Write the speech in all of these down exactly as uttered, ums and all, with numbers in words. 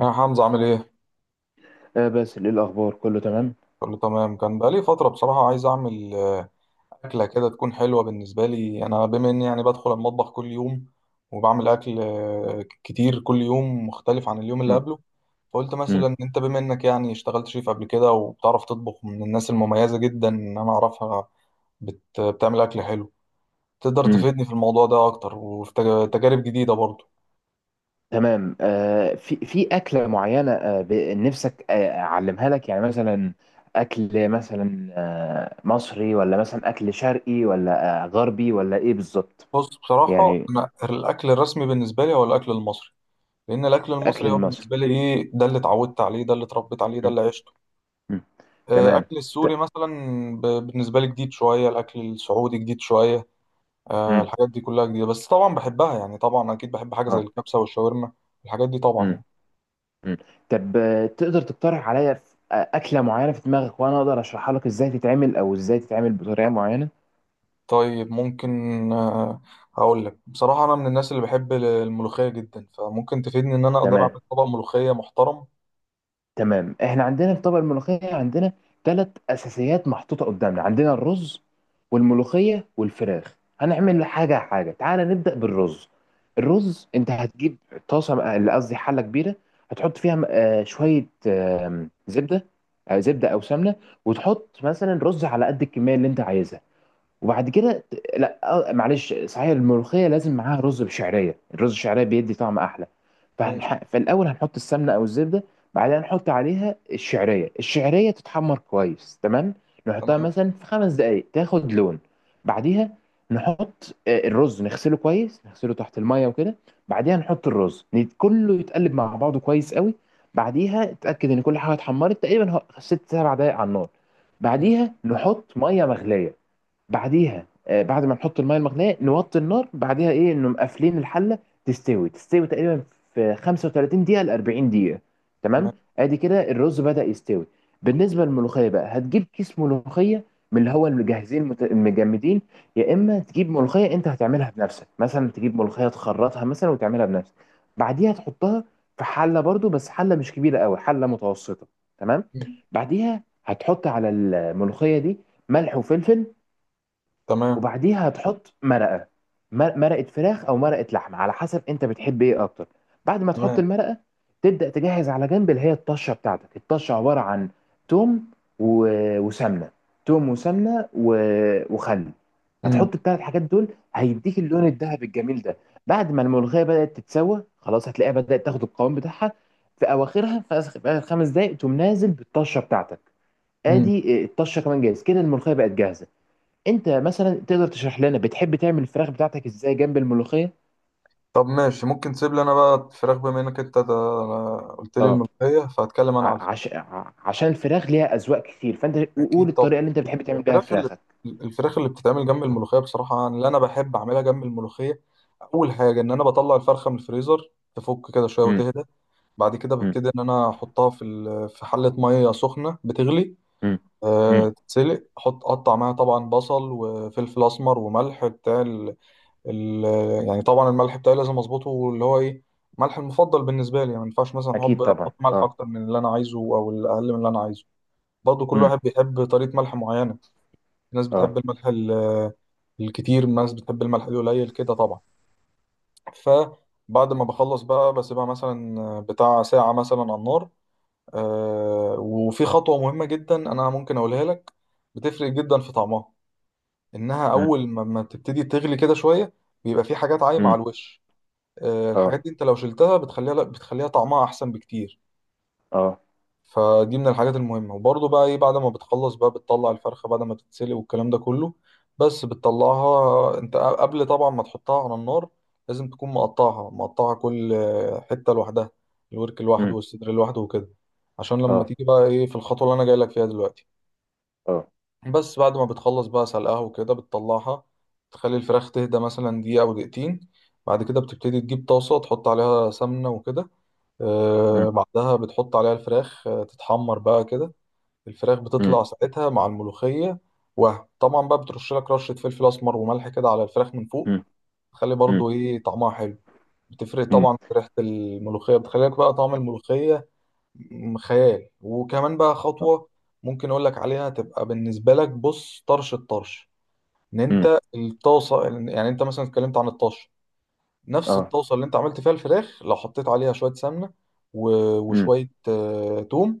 يا حمزة عامل ايه؟ آه باسل، ايه الاخبار؟ كله تمام. كله تمام. كان بقالي فترة بصراحة عايز اعمل آه، أكلة كده تكون حلوة بالنسبة لي، أنا بما إني يعني بدخل المطبخ كل يوم وبعمل أكل آه، كتير، كل يوم مختلف عن اليوم اللي مم. قبله. فقلت مم. مثلا أنت بما إنك يعني اشتغلت شيف قبل كده وبتعرف تطبخ، من الناس المميزة جدا إن أنا أعرفها. بت... بتعمل أكل حلو، تقدر مم. تفيدني في الموضوع ده أكتر وفي تج- تجارب جديدة برضه. تمام. آه في في اكله معينه آه ب- نفسك آه اعلمها لك، يعني مثلا اكل مثلا آه مصري، ولا مثلا اكل شرقي، ولا آه غربي، ولا ايه بالظبط؟ بص بصراحة يعني أنا الأكل الرسمي بالنسبة لي هو الأكل المصري، لان الاكل الاكل المصري هو المصري. بالنسبه لي ايه، ده اللي اتعودت عليه، ده اللي اتربيت عليه، ده مم. اللي عشته. مم. آه، تمام. اكل ت... السوري مثلا ب- بالنسبه لي جديد شويه، الاكل السعودي جديد شويه. آه، مم. الحاجات دي كلها جديده بس طبعا بحبها، يعني طبعا اكيد بحب حاجه زي اه. الكبسه والشاورما، الحاجات دي طبعا مم. يعني. مم. طب آه تقدر تقترح عليا ف- آه، اكله معينه في دماغك، وانا اقدر اشرحها لك ازاي تتعمل، او ازاي تتعمل بطريقه معينه. طيب ممكن آه، هقول لك بصراحه، انا من الناس اللي بحب ال- الملوخيه جدا، فممكن تفيدني ان انا اقدر اعمل تمام. طبق ملوخيه محترم. تمام، احنا عندنا الطبق الملوخية. عندنا ثلاث اساسيات محطوطة قدامنا: عندنا الرز والملوخية والفراخ. هنعمل حاجة حاجة، تعالى نبدأ بالرز. الرز انت هتجيب طاسة، اللي قصدي حلة كبيرة، هتحط فيها آه، شوية آم، زبدة، آه، زبدة او سمنة، وتحط مثلا رز على قد الكمية اللي انت عايزها، وبعد كده ت- لا، آه، معلش، صحيح الملوخيه لازم معاها رز بشعريه، الرز الشعريه بيدي طعم احلى. ماشي. فهنح... فالاول هنحط السمنه او الزبده. بعدها نحط عليها الشعريه، الشعريه تتحمر كويس. تمام. نحطها تمام. مثلا في خمس دقائق تاخد لون. بعديها نحط آه، الرز، نغسله كويس، نغسله تحت الميه وكده. بعديها نحط الرز نت- كله يتقلب مع بعضه كويس قوي. بعديها اتاكد ان كل حاجه اتحمرت تقريبا، هو- ست سبع دقائق على النار. مم. بعديها نحط ميه مغليه. بعديها آه، بعد ما نحط الميه المغليه نوطي النار، بعديها ايه انه مقفلين الحله. تستوي، تستوي تقريبا في خمسة وثلاثين دقيقه ل اربعين دقيقه. تمام. تمام. ادي كده الرز بدأ يستوي. بالنسبه للملوخيه بقى، هتجيب كيس ملوخيه من اللي هو المجهزين، المت- المجمدين، يا اما تجيب ملوخيه انت هتعملها بنفسك، مثلا تجيب ملوخيه تخرطها مثلا وتعملها بنفسك. بعديها تحطها في حله برضو، بس حله مش كبيره قوي، حله متوسطه. تمام. مم. بعديها هتحط على الملوخيه دي ملح وفلفل. تمام. وبعديها هتحط مرقه، مر- مرقه فراخ او مرقه لحمه على حسب انت بتحب ايه اكتر. بعد ما تحط تمام. المرقه، تبدا تجهز على جنب اللي هي الطشه بتاعتك. الطشه عباره عن توم و- وسمنه، توم وسمنه و- وخل. مم. هتحط الثلاث حاجات دول هيديك اللون الذهبي الجميل ده. بعد ما الملوخيه بدات تتسوى خلاص، هتلاقيها بدات تاخد القوام بتاعها. في اواخرها، في آخر- في اخر خمس دقائق، تقوم نازل بالطشه بتاعتك. مم. ادي آه، الطشه كمان جاهز. كده الملوخيه بقت جاهزه. انت مثلا تقدر تشرح لنا بتحب تعمل الفراخ بتاعتك ازاي جنب الملوخيه؟ طب ماشي، ممكن تسيب لي انا بقى الفراخ بما انك انت تا- قلت لي اه. الملوخيه، فهتكلم انا على ع- الفراخ. عش... ع- عشان الفراخ ليها اذواق كتير، فانت قول اكيد طبعا. الطريقه اللي انت بتحب تعمل بيها الفراخ اللي فراخك. الفراخ اللي بتتعمل جنب الملوخيه، بصراحه أنا اللي انا بحب اعملها جنب الملوخيه. اول حاجه ان انا بطلع الفرخه من الفريزر، تفك كده شويه امم. وتهدى. بعد كده امم. ببتدي ان انا احطها في ال- في حله ميه سخنه بتغلي. امم. امم. أه تتسلق، احط اقطع معاها طبعا بصل وفلفل اسمر وملح بتاع ال- يعني طبعا الملح بتاعي لازم اظبطه اللي هو ايه، ملح المفضل بالنسبه لي يعني، ما ينفعش مثلا احب اكيد طبعا، احط ملح اه. اكتر من اللي انا عايزه او الاقل من اللي انا عايزه. برضه كل امم. واحد بيحب طريقه ملح معينه، في ناس اه. بتحب الملح ال- الكتير، ناس بتحب الملح القليل كده طبعا. فبعد ما بخلص بقى بسيبها مثلا بتاع ساعه مثلا على النار. آه، وفي خطوه مهمه جدا انا ممكن اقولها لك، بتفرق جدا في طعمها، انها امم. اول ما ما تبتدي تغلي كده شويه بيبقى في حاجات عايمه امم. على الوش. آه، اه. الحاجات دي انت لو شلتها بتخليها، لا بتخليها طعمها احسن بكتير. اه. فدي من الحاجات المهمه. وبرضه بقى ايه، بعد ما بتخلص بقى بتطلع الفرخه بعد ما تتسلق والكلام ده كله، بس بتطلعها انت قبل طبعا ما تحطها على النار لازم تكون مقطعها مقطعها كل آه، حته لوحدها، الورك لوحده امم. والصدر لوحده وكده، عشان لما اه. تيجي بقى ايه في الخطوه اللي انا جاي لك فيها دلوقتي. اه. بس بعد ما بتخلص بقى سلقها وكده بتطلعها، تخلي الفراخ تهدى مثلا دقيقه او دقيقتين. بعد كده بتبتدي تجيب طاسه، تحط عليها سمنه وكده. آه، امم. بعدها بتحط عليها الفراخ آه، تتحمر بقى كده، الفراخ امم. بتطلع ساعتها مع الملوخية. وهم طبعا بقى بترش لك رشة فلفل أسمر وملح كده على الفراخ من فوق، امم. تخلي برضو إيه طعمها حلو، بتفرق امم. طبعا في ريحة الملوخية، بتخلي لك بقى طعم الملوخية م- خيال. وكمان بقى خطوة ممكن أقول لك عليها، تبقى بالنسبة لك بص طرش الطرش، إن امم. أنت الطاسة، يعني أنت مثلا اتكلمت عن الطش، نفس اه. الطاسه اللي انت عملت فيها الفراخ لو حطيت عليها شويه سمنه و- امم. وشويه آه، توم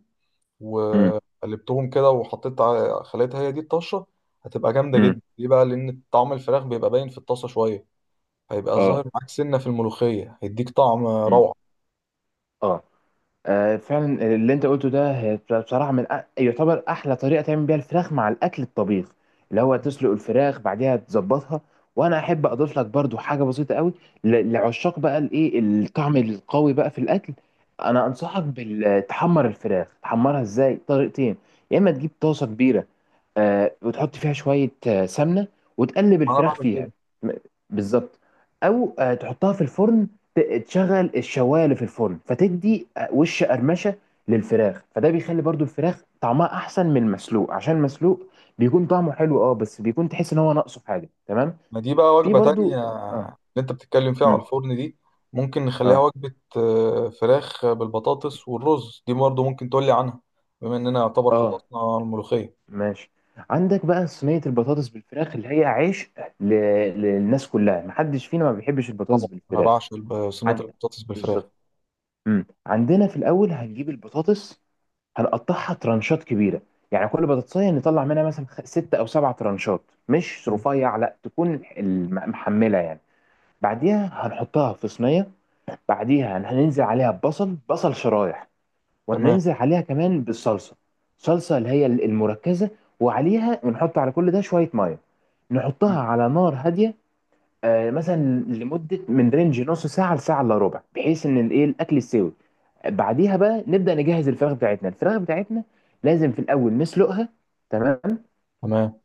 امم. وقلبتهم كده وحطيت ع- خليتها هي دي الطشه، هتبقى جامده امم. جدا. ليه بقى؟ لان طعم الفراخ بيبقى باين في الطاسه شويه، هيبقى اه. ظاهر معاك سنه في الملوخيه هيديك طعم امم. روعه. اه. آه، فعلا اللي انت قلته ده، هي بصراحه من أ- يعتبر احلى طريقه تعمل بيها الفراخ مع الاكل الطبيخ، اللي هو تسلق الفراخ بعديها تظبطها. وانا احب اضيف لك برضو حاجه بسيطه قوي ل- لعشاق بقى الايه الطعم القوي بقى في الاكل. انا انصحك بتحمر الفراخ. تحمرها ازاي؟ طريقتين. يا اما تجيب طاسه كبيره آه، وتحط فيها شوية آه، سمنة، وتقلب انا الفراخ بعمل فيها. كده. م- بالظبط. أو آه، تحطها في الفرن، ت- تشغل الشواية اللي في الفرن، فتدي آه، وش قرمشة للفراخ. فده بيخلي برضو الفراخ طعمها أحسن من المسلوق، عشان المسلوق بيكون طعمه حلو، اه، بس بيكون تحس إن هو ناقصه حاجة. تمام. ما دي بقى في وجبه تانية برضو. اه. اللي انت بتتكلم فيها على مم. الفرن دي، ممكن نخليها اه. وجبه آه، فراخ بالبطاطس والرز دي برضه ممكن تقولي عنها، بما اننا يعتبر اه. خلصنا الملوخيه. ماشي. عندك بقى صينية البطاطس بالفراخ، اللي هي عيش ل... للناس كلها. محدش فينا ما بيحبش البطاطس طبعا انا بالفراخ. بعشق الب- صينيه عن- البطاطس بالفراخ. بالظبط. امم. عندنا في الاول هنجيب البطاطس، هنقطعها ترانشات كبيره، يعني كل بطاطسيه نطلع منها مثلا خ- ست او سبع ترانشات، مش مم. رفيع، لا تكون الم- محمله يعني. بعديها هنحطها في صينيه. بعديها هننزل عليها ببصل، بصل شرايح، تمام. وهننزل عليها كمان بالصلصه. صلصه اللي هي المركزه. وعليها، ونحط على كل ده شويه ميه، مم. نحطها على نار هاديه. آه، مثلا لمده من رينج نص ساعه لساعه الا ربع، بحيث ان الايه الاكل يستوي. بعديها بقى نبدا نجهز الفراخ بتاعتنا. الفراخ بتاعتنا لازم في الاول نسلقها. تمام. تمام.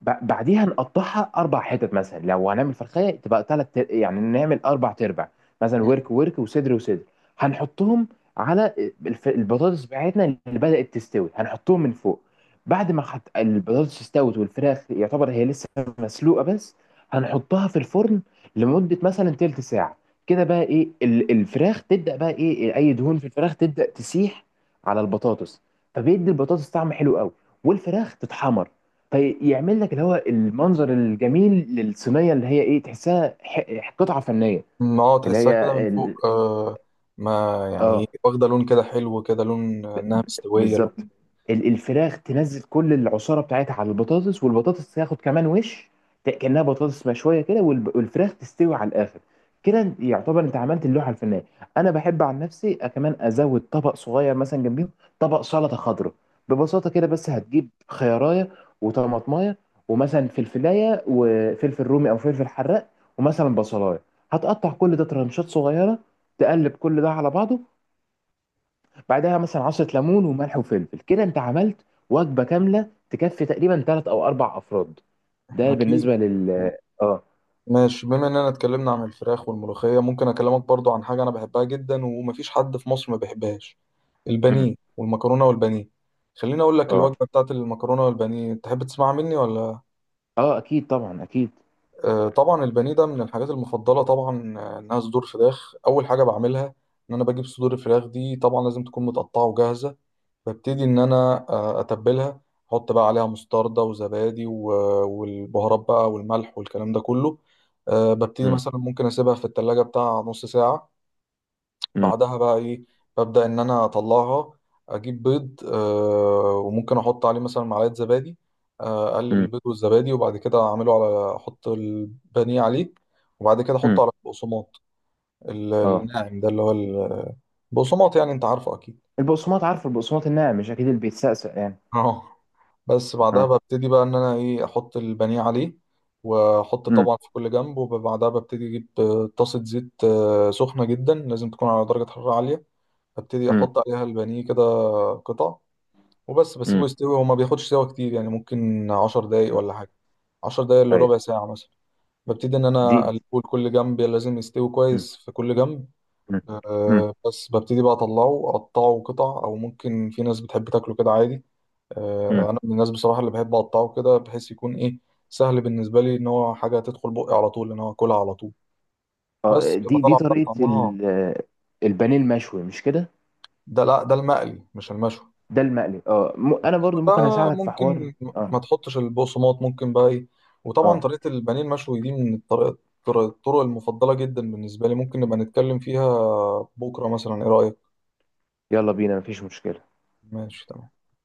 ب- بعديها نقطعها اربع حتت، مثلا لو هنعمل فرخيه تبقى ثلاث، يعني نعمل اربع تربع، مثلا ورك ورك وصدر وصدر، هنحطهم على الف- البطاطس بتاعتنا اللي بدأت تستوي، هنحطهم من فوق. بعد ما حط البطاطس استوت، والفراخ يعتبر هي لسه مسلوقه بس، هنحطها في الفرن لمده مثلا تلت ساعه. كده بقى ايه، ال- الفراخ تبدأ بقى ايه، اي دهون في الفراخ تبدأ تسيح على البطاطس، فبيدي البطاطس طعم حلو قوي، والفراخ تتحمر. فيعمل لك اللي هو المنظر الجميل للصينيه، اللي هي ايه، تحسها ح- قطعه فنيه. مم. اه اللي تحسها كده من هي فوق ال... آه، ما يعني إيه، اه. واخده لون كده حلو كده، لون ب- انها ب- مستويه بالظبط. لون. ال- الفراخ تنزل كل العصاره بتاعتها على البطاطس، والبطاطس تاخد كمان وش، ت- كانها بطاطس مشويه كده، والب- والفراخ تستوي على الاخر. كده يعتبر انت عملت اللوحه الفنيه. انا بحب عن نفسي كمان ازود طبق صغير مثلا جنبيهم، طبق سلطه خضراء. ببساطه كده بس، هتجيب خيارية وطماطمايه، ومثلا فلفلايه، وفلفل رومي او فلفل حراق، ومثلا بصلايه. هتقطع كل ده ترانشات صغيره، تقلب كل ده على بعضه. بعدها مثلا عصرة ليمون وملح وفلفل. كده انت عملت وجبة كاملة تكفي تقريبا ثلاث او اربع افراد. ده اكيد. بالنسبة لل... اه. ماشي، بما اننا اتكلمنا عن الفراخ والملوخيه ممكن اكلمك برضو عن حاجه انا بحبها جدا ومفيش حد في مصر ما بيحبهاش، مم. البانيه والمكرونه والبانيه. خليني اقول لك اه. الوجبه بتاعت المكرونه والبانيه، تحب تسمع مني ولا؟ اه اكيد طبعا، اكيد. آه، طبعا البانيه ده من الحاجات المفضله طبعا، آه، انها صدور فراخ. اول حاجه بعملها ان انا بجيب صدور الفراخ دي، طبعا لازم تكون متقطعه وجاهزه. ببتدي ان انا آه، اتبلها، احط بقى عليها مستردة وزبادي و- والبهارات بقى والملح والكلام ده كله. آه، ببتدي مم. مثلا ممكن اسيبها في التلاجة بتاع نص ساعه. مم. بعدها بقى ايه؟ ببدأ ان انا اطلعها، اجيب بيض آه وممكن احط عليه مثلا معلقة زبادي، آه، اقلب مم. البيض والزبادي وبعد كده اعمله على، احط البانيه عليه، وبعد كده احطه مم. على البقسماط ال- اه. الناعم ده، اللي هو البقسماط، يعني انت عارفه اكيد. البقسماط، عارف البقسماط الناعم مش؟ اكيد اللي بيتسقسق يعني. اه بس بعدها اه. ببتدي بقى ان انا ايه احط البانيه عليه، واحط مم. طبعا في كل جنب. وبعدها ببتدي اجيب آه، طاسة زيت آه، سخنة جدا، لازم تكون على درجة حرارة عالية. ببتدي مم. احط عليها البانيه كده قطع، وبس بسيبه مم. يستوي، وما بياخدش سوا كتير، يعني ممكن عشر دقايق آه. ولا حاجة، عشر دقايق ايوه. لربع ساعة مثلا. ببتدي إن دي أنا دي- أقلبه لكل جنب، لازم يستوي مم. كويس في كل جنب. مم. مم. أه بس ببتدي بقى أطلعه أقطعه قطع، أو ممكن في ناس بتحب تاكله كده عادي. مم. أه أنا من الناس بصراحة اللي بحب أقطعه كده، بحيث يكون إيه سهل بالنسبة لي، إن هو حاجة تدخل بقي على طول، إن هو أكلها على طول. بس اه، بتبقى دي دي طالعة بقى طريقة طعمها. ال- البانيه المشوي مش كده؟ ده لا ده المقلي مش المشوي. ده المقلي، اه. م- انا المشوي برضو ممكن ده اساعدك في حوار. ممكن اه. ما تحطش البقسماط، ممكن بقى ايه. وطبعا اه. طريقة البانيه المشوي دي من الطرق الطرق الطرق المفضلة جدا بالنسبة لي، ممكن نبقى نتكلم فيها بكرة مثلا، ايه رأيك؟ يلا بينا، مفيش مشكلة. ماشي تمام.